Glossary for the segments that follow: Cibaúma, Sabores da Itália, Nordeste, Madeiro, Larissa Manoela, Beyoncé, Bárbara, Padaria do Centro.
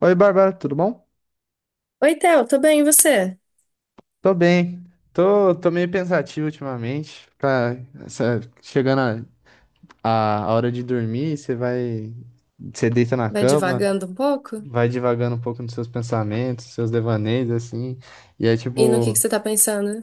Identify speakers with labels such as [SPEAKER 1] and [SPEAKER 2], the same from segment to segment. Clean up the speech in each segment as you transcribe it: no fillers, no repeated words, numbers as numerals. [SPEAKER 1] Oi, Bárbara, tudo bom?
[SPEAKER 2] Oi, Theo, tô bem, e você?
[SPEAKER 1] Tô bem. Tô meio pensativo ultimamente. Pra, chegando a hora de dormir, você vai. Você deita na
[SPEAKER 2] Vai
[SPEAKER 1] cama,
[SPEAKER 2] divagando um pouco?
[SPEAKER 1] vai divagando um pouco nos seus pensamentos, seus devaneios, assim. E é
[SPEAKER 2] E no que
[SPEAKER 1] tipo.
[SPEAKER 2] que você tá pensando?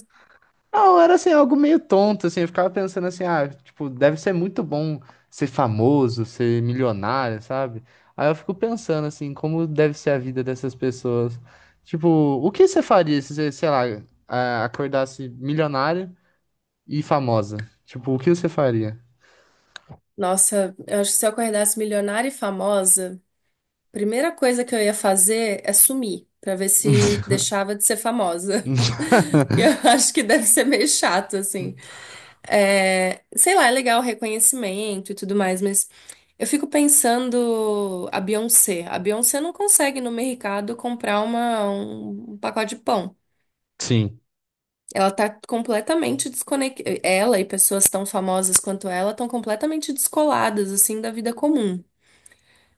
[SPEAKER 1] Não, era assim, algo meio tonto, assim, eu ficava pensando assim, ah, tipo, deve ser muito bom ser famoso, ser milionário, sabe? Aí eu fico pensando assim, como deve ser a vida dessas pessoas. Tipo, o que você faria se você, sei lá, acordasse milionário e famosa? Tipo, o que você faria?
[SPEAKER 2] Nossa, eu acho que se eu acordasse milionária e famosa, a primeira coisa que eu ia fazer é sumir, pra ver se deixava de ser famosa. Que eu acho que deve ser meio chato, assim. É, sei lá, é legal o reconhecimento e tudo mais, mas eu fico pensando a Beyoncé. A Beyoncé não consegue no mercado comprar uma, um pacote de pão.
[SPEAKER 1] Sim.
[SPEAKER 2] Ela tá completamente desconectada. Ela e pessoas tão famosas quanto ela estão completamente descoladas, assim, da vida comum.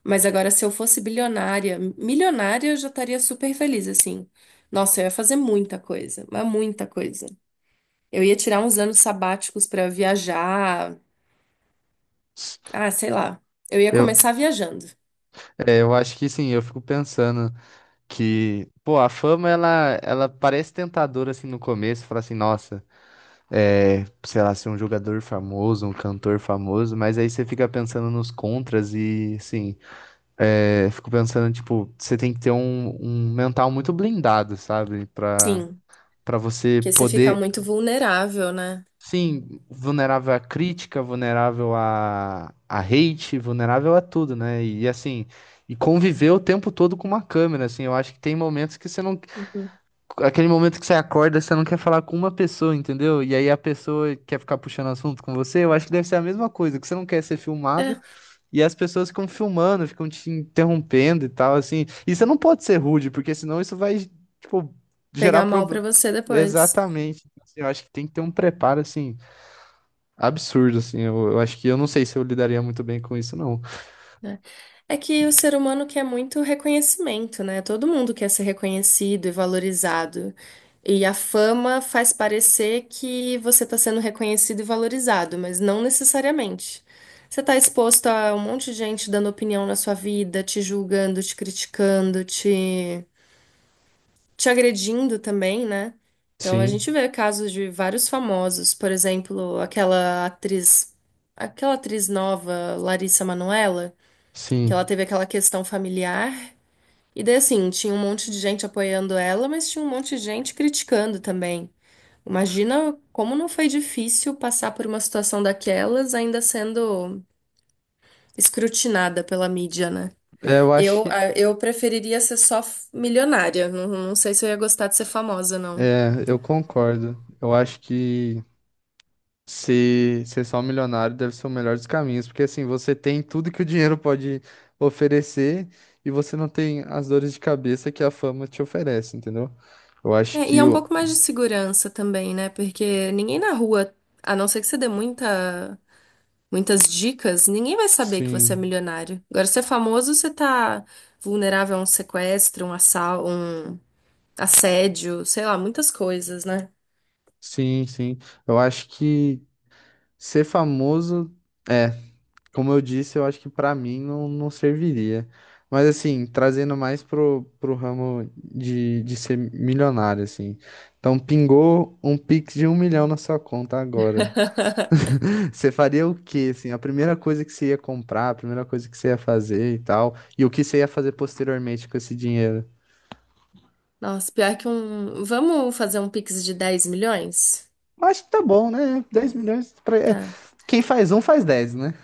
[SPEAKER 2] Mas agora, se eu fosse bilionária, milionária, eu já estaria super feliz, assim. Nossa, eu ia fazer muita coisa, mas muita coisa. Eu ia tirar uns anos sabáticos pra viajar. Ah, sei lá. Eu ia
[SPEAKER 1] Eu,
[SPEAKER 2] começar viajando.
[SPEAKER 1] é, eu acho que sim, eu fico pensando que, pô, a fama ela parece tentadora assim no começo, fala assim, nossa, é, sei lá, ser um jogador famoso, um cantor famoso, mas aí você fica pensando nos contras e, assim, é, fico pensando, tipo, você tem que ter um mental muito blindado, sabe? Pra,
[SPEAKER 2] Sim,
[SPEAKER 1] pra você
[SPEAKER 2] porque você fica
[SPEAKER 1] poder,
[SPEAKER 2] muito vulnerável, né?
[SPEAKER 1] sim, vulnerável à crítica, vulnerável a hate, vulnerável a tudo, né? E, assim, e conviver o tempo todo com uma câmera, assim, eu acho que tem momentos que você não
[SPEAKER 2] Uhum.
[SPEAKER 1] aquele momento que você acorda, você não quer falar com uma pessoa, entendeu? E aí a pessoa quer ficar puxando assunto com você, eu acho que deve ser a mesma coisa, que você não quer ser filmado
[SPEAKER 2] É,
[SPEAKER 1] e as pessoas ficam filmando, ficam te interrompendo e tal, assim. E você não pode ser rude, porque senão isso vai, tipo, gerar
[SPEAKER 2] pegar mal pra
[SPEAKER 1] problema.
[SPEAKER 2] você depois.
[SPEAKER 1] Exatamente. Assim, eu acho que tem que ter um preparo, assim, absurdo, assim. Eu acho que eu não sei se eu lidaria muito bem com isso, não.
[SPEAKER 2] Né? É que o ser humano quer muito reconhecimento, né? Todo mundo quer ser reconhecido e valorizado. E a fama faz parecer que você está sendo reconhecido e valorizado, mas não necessariamente. Você está exposto a um monte de gente dando opinião na sua vida, te julgando, te criticando, te agredindo também, né? Então a
[SPEAKER 1] Sim,
[SPEAKER 2] gente vê casos de vários famosos, por exemplo, aquela atriz nova, Larissa Manoela, que
[SPEAKER 1] sim.
[SPEAKER 2] ela teve aquela questão familiar. E daí, assim, tinha um monte de gente apoiando ela, mas tinha um monte de gente criticando também. Imagina como não foi difícil passar por uma situação daquelas, ainda sendo escrutinada pela mídia, né?
[SPEAKER 1] É, eu acho que.
[SPEAKER 2] Eu preferiria ser só milionária. Não, não sei se eu ia gostar de ser famosa, não.
[SPEAKER 1] É, eu concordo. Eu acho que se ser só milionário deve ser o melhor dos caminhos, porque assim, você tem tudo que o dinheiro pode oferecer e você não tem as dores de cabeça que a fama te oferece, entendeu? Eu acho
[SPEAKER 2] É, e
[SPEAKER 1] que
[SPEAKER 2] é um
[SPEAKER 1] o...
[SPEAKER 2] pouco mais de segurança também, né? Porque ninguém na rua, a não ser que você dê muitas dicas, ninguém vai saber que você é
[SPEAKER 1] Sim,
[SPEAKER 2] milionário. Agora, se é famoso, você tá vulnerável a um sequestro, um um assédio, sei lá, muitas coisas, né?
[SPEAKER 1] sim, sim. Eu acho que ser famoso, é, como eu disse, eu acho que pra mim não, não serviria. Mas assim, trazendo mais pro ramo de ser milionário, assim. Então, pingou um Pix de 1 milhão na sua conta agora. Você faria o quê, assim? A primeira coisa que você ia comprar, a primeira coisa que você ia fazer e tal, e o que você ia fazer posteriormente com esse dinheiro?
[SPEAKER 2] Nossa, pior que um. Vamos fazer um Pix de 10 milhões?
[SPEAKER 1] Acho que tá bom, né? 10 milhões pra... é,
[SPEAKER 2] Tá.
[SPEAKER 1] quem faz um faz 10, né?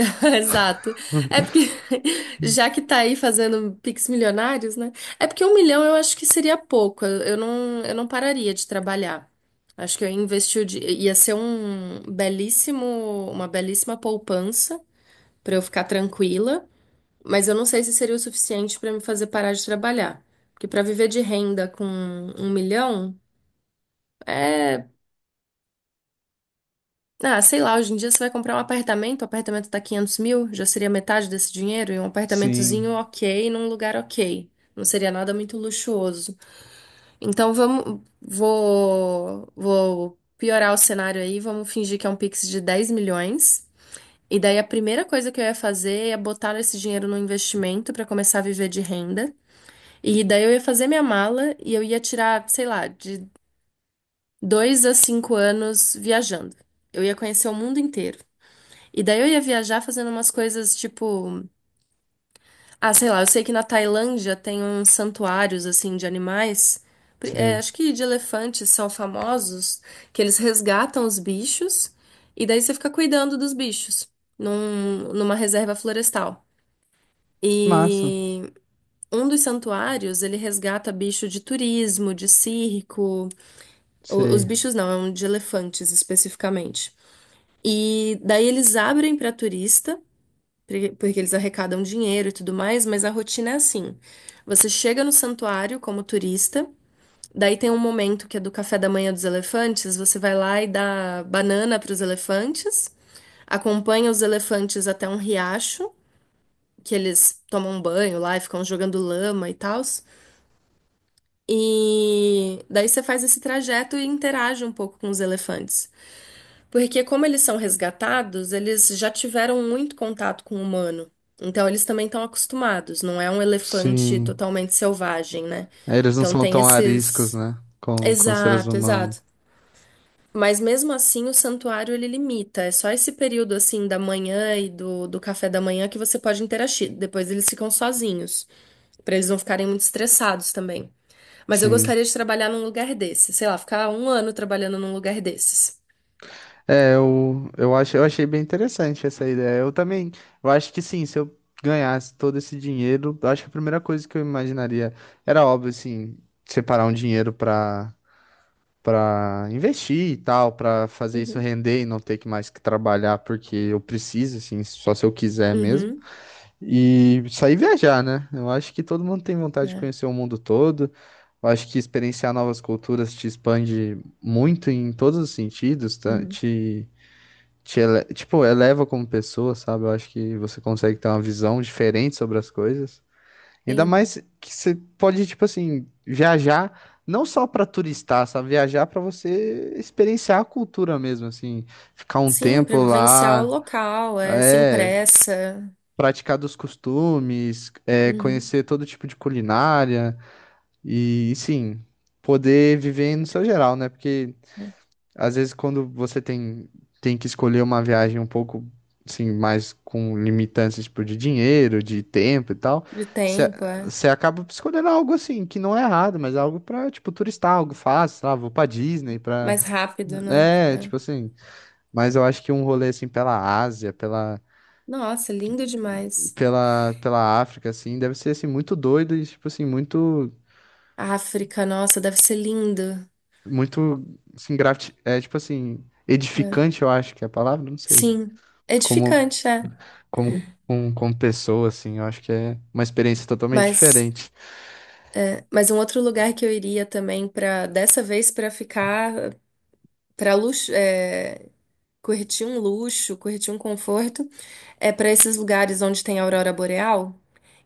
[SPEAKER 2] Exato. É porque, já que tá aí fazendo Pix milionários, né? É porque 1 milhão eu acho que seria pouco. Eu não pararia de trabalhar. Acho que eu investi, o di- ia ser um belíssimo, uma belíssima poupança pra eu ficar tranquila, mas eu não sei se seria o suficiente pra me fazer parar de trabalhar. Porque pra viver de renda com 1 milhão, ah, sei lá, hoje em dia você vai comprar um apartamento, o apartamento tá 500 mil, já seria metade desse dinheiro, e um apartamentozinho
[SPEAKER 1] Sim,
[SPEAKER 2] ok, num lugar ok. Não seria nada muito luxuoso. Então vou piorar o cenário aí, vamos fingir que é um Pix de 10 milhões. E daí a primeira coisa que eu ia fazer é botar esse dinheiro no investimento para começar a viver de renda. E daí eu ia fazer minha mala e eu ia tirar, sei lá, de 2 a 5 anos viajando. Eu ia conhecer o mundo inteiro. E daí eu ia viajar fazendo umas coisas tipo. Ah, sei lá, eu sei que na Tailândia tem uns santuários, assim, de animais. É,
[SPEAKER 1] sei.
[SPEAKER 2] acho que de elefantes são famosos, que eles resgatam os bichos e daí você fica cuidando dos bichos numa reserva florestal.
[SPEAKER 1] Massa.
[SPEAKER 2] E um dos santuários, ele resgata bicho de turismo, de circo. Os
[SPEAKER 1] Sei.
[SPEAKER 2] bichos não, é um de elefantes especificamente. E daí eles abrem para turista. Porque eles arrecadam dinheiro e tudo mais, mas a rotina é assim. Você chega no santuário como turista, daí tem um momento que é do café da manhã dos elefantes, você vai lá e dá banana para os elefantes, acompanha os elefantes até um riacho, que eles tomam banho lá e ficam jogando lama e tal. E daí você faz esse trajeto e interage um pouco com os elefantes. Porque como eles são resgatados, eles já tiveram muito contato com o humano. Então eles também estão acostumados, não é um elefante
[SPEAKER 1] Sim.
[SPEAKER 2] totalmente selvagem, né?
[SPEAKER 1] Eles não
[SPEAKER 2] Então
[SPEAKER 1] são
[SPEAKER 2] tem
[SPEAKER 1] tão ariscos,
[SPEAKER 2] esses.
[SPEAKER 1] né? Com seres
[SPEAKER 2] Exato,
[SPEAKER 1] humanos.
[SPEAKER 2] exato. Mas mesmo assim o santuário ele limita. É só esse período assim da manhã e do café da manhã que você pode interagir. Depois eles ficam sozinhos, para eles não ficarem muito estressados também. Mas eu
[SPEAKER 1] Sim.
[SPEAKER 2] gostaria de trabalhar num lugar desse, sei lá, ficar um ano trabalhando num lugar desses.
[SPEAKER 1] É, eu acho, eu achei bem interessante essa ideia. Eu também, eu acho que sim, se eu ganhasse todo esse dinheiro, eu acho que a primeira coisa que eu imaginaria era óbvio, assim, separar um dinheiro para investir e tal, para fazer isso
[SPEAKER 2] Uhum.
[SPEAKER 1] render e não ter que mais que trabalhar porque eu preciso, assim, só se eu quiser mesmo.
[SPEAKER 2] Uhum,
[SPEAKER 1] E sair viajar, né? Eu acho que todo mundo tem vontade de
[SPEAKER 2] né?
[SPEAKER 1] conhecer o mundo todo. Eu acho que experienciar novas culturas te expande muito em todos os sentidos, tá? Te tipo, eleva como pessoa, sabe? Eu acho que você consegue ter uma visão diferente sobre as coisas. Ainda
[SPEAKER 2] Sim,
[SPEAKER 1] mais que você pode, tipo assim, viajar não só pra turistar, sabe? Viajar pra você experienciar a cultura mesmo, assim, ficar um
[SPEAKER 2] sim,
[SPEAKER 1] tempo
[SPEAKER 2] para vivenciar o
[SPEAKER 1] lá,
[SPEAKER 2] local, é sem
[SPEAKER 1] é,
[SPEAKER 2] pressa,
[SPEAKER 1] praticar dos costumes, é,
[SPEAKER 2] uhum,
[SPEAKER 1] conhecer todo tipo de culinária e, sim, poder viver no seu geral, né? Porque
[SPEAKER 2] é.
[SPEAKER 1] às vezes, quando você tem, tem que escolher uma viagem um pouco, assim, mais com limitantes, tipo, de dinheiro, de tempo e tal,
[SPEAKER 2] De tempo, é
[SPEAKER 1] você acaba escolhendo algo, assim, que não é errado, mas algo pra, tipo, turistar, algo fácil, sei lá, vou pra Disney, pra...
[SPEAKER 2] mais rápido, né?
[SPEAKER 1] É,
[SPEAKER 2] É.
[SPEAKER 1] tipo assim, mas eu acho que um rolê, assim, pela Ásia,
[SPEAKER 2] Nossa, lindo demais.
[SPEAKER 1] pela, pela África, assim, deve ser, assim, muito doido e, tipo assim, muito,
[SPEAKER 2] África, nossa, deve ser lindo,
[SPEAKER 1] muito, assim, grati... é, tipo assim,
[SPEAKER 2] né?
[SPEAKER 1] edificante, eu acho que é a palavra, não sei.
[SPEAKER 2] Sim,
[SPEAKER 1] Como
[SPEAKER 2] edificante, é.
[SPEAKER 1] como pessoa, assim, eu acho que é uma experiência totalmente
[SPEAKER 2] Mas,
[SPEAKER 1] diferente.
[SPEAKER 2] é, mas um outro lugar que eu iria também para dessa vez para ficar para luxo, é, curtir um luxo, curtir um conforto, é para esses lugares onde tem aurora boreal.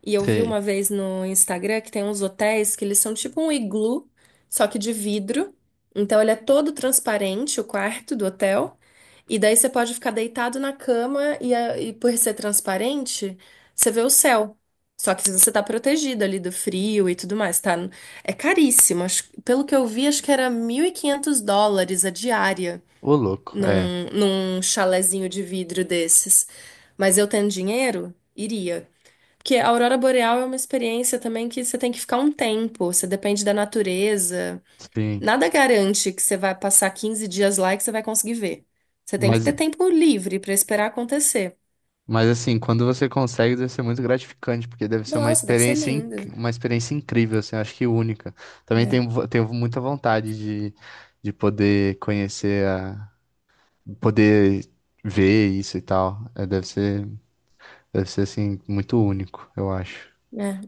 [SPEAKER 2] E eu vi
[SPEAKER 1] Sei,
[SPEAKER 2] uma vez no Instagram que tem uns hotéis que eles são tipo um iglu, só que de vidro. Então ele é todo transparente, o quarto do hotel. E daí você pode ficar deitado na cama e, e por ser transparente, você vê o céu. Só que você tá protegido ali do frio e tudo mais, tá? É caríssimo. Pelo que eu vi, acho que era US$ 1.500 a diária
[SPEAKER 1] ô louco, é,
[SPEAKER 2] num chalezinho de vidro desses. Mas eu tendo dinheiro, iria. Porque a aurora boreal é uma experiência também que você tem que ficar um tempo, você depende da natureza.
[SPEAKER 1] sim.
[SPEAKER 2] Nada garante que você vai passar 15 dias lá e que você vai conseguir ver. Você tem que
[SPEAKER 1] Mas,
[SPEAKER 2] ter tempo livre para esperar acontecer.
[SPEAKER 1] mas assim, quando você consegue, deve ser muito gratificante, porque deve ser uma
[SPEAKER 2] Nossa, deve ser
[SPEAKER 1] experiência,
[SPEAKER 2] lindo,
[SPEAKER 1] uma experiência incrível, assim, eu acho que única. Também
[SPEAKER 2] né?
[SPEAKER 1] tenho, tenho muita vontade de, de poder conhecer a, poder ver isso e tal. É, deve ser, assim, muito único, eu acho.
[SPEAKER 2] É.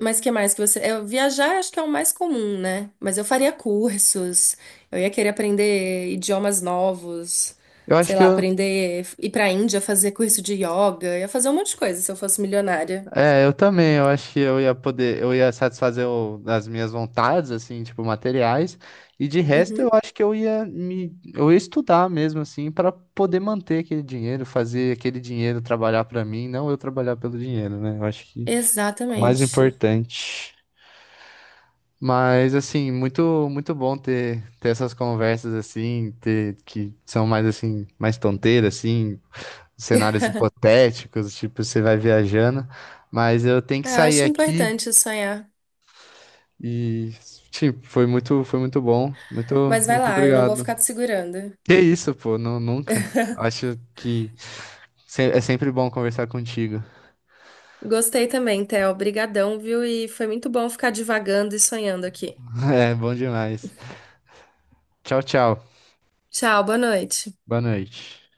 [SPEAKER 2] Mas que mais que você. Eu, viajar acho que é o mais comum, né? Mas eu faria cursos, eu ia querer aprender idiomas novos,
[SPEAKER 1] Eu
[SPEAKER 2] sei
[SPEAKER 1] acho que
[SPEAKER 2] lá,
[SPEAKER 1] eu,
[SPEAKER 2] aprender, ir pra Índia fazer curso de yoga, eu ia fazer um monte de coisa se eu fosse milionária.
[SPEAKER 1] É, eu também, eu acho que eu ia poder, eu ia satisfazer as minhas vontades, assim, tipo, materiais, e de resto eu
[SPEAKER 2] Uhum,
[SPEAKER 1] acho que eu ia estudar mesmo, assim, para poder manter aquele dinheiro, fazer aquele dinheiro trabalhar para mim, não eu trabalhar pelo dinheiro, né? Eu acho que é o mais
[SPEAKER 2] exatamente.
[SPEAKER 1] importante. Mas, assim, muito, muito bom ter, ter essas conversas, assim, ter, que são mais, assim, mais tonteiras, assim, cenários hipotéticos, tipo, você vai viajando, mas eu tenho que
[SPEAKER 2] Eu
[SPEAKER 1] sair
[SPEAKER 2] acho
[SPEAKER 1] aqui.
[SPEAKER 2] importante sonhar.
[SPEAKER 1] E, tipo, foi muito bom. Muito,
[SPEAKER 2] Mas vai
[SPEAKER 1] muito
[SPEAKER 2] lá, eu não vou
[SPEAKER 1] obrigado.
[SPEAKER 2] ficar te segurando.
[SPEAKER 1] Que isso, pô, não, nunca. Acho que é sempre bom conversar contigo.
[SPEAKER 2] Gostei também, Theo. Obrigadão, viu? E foi muito bom ficar divagando e sonhando aqui.
[SPEAKER 1] É bom demais. Tchau, tchau.
[SPEAKER 2] Tchau, boa noite.
[SPEAKER 1] Boa noite.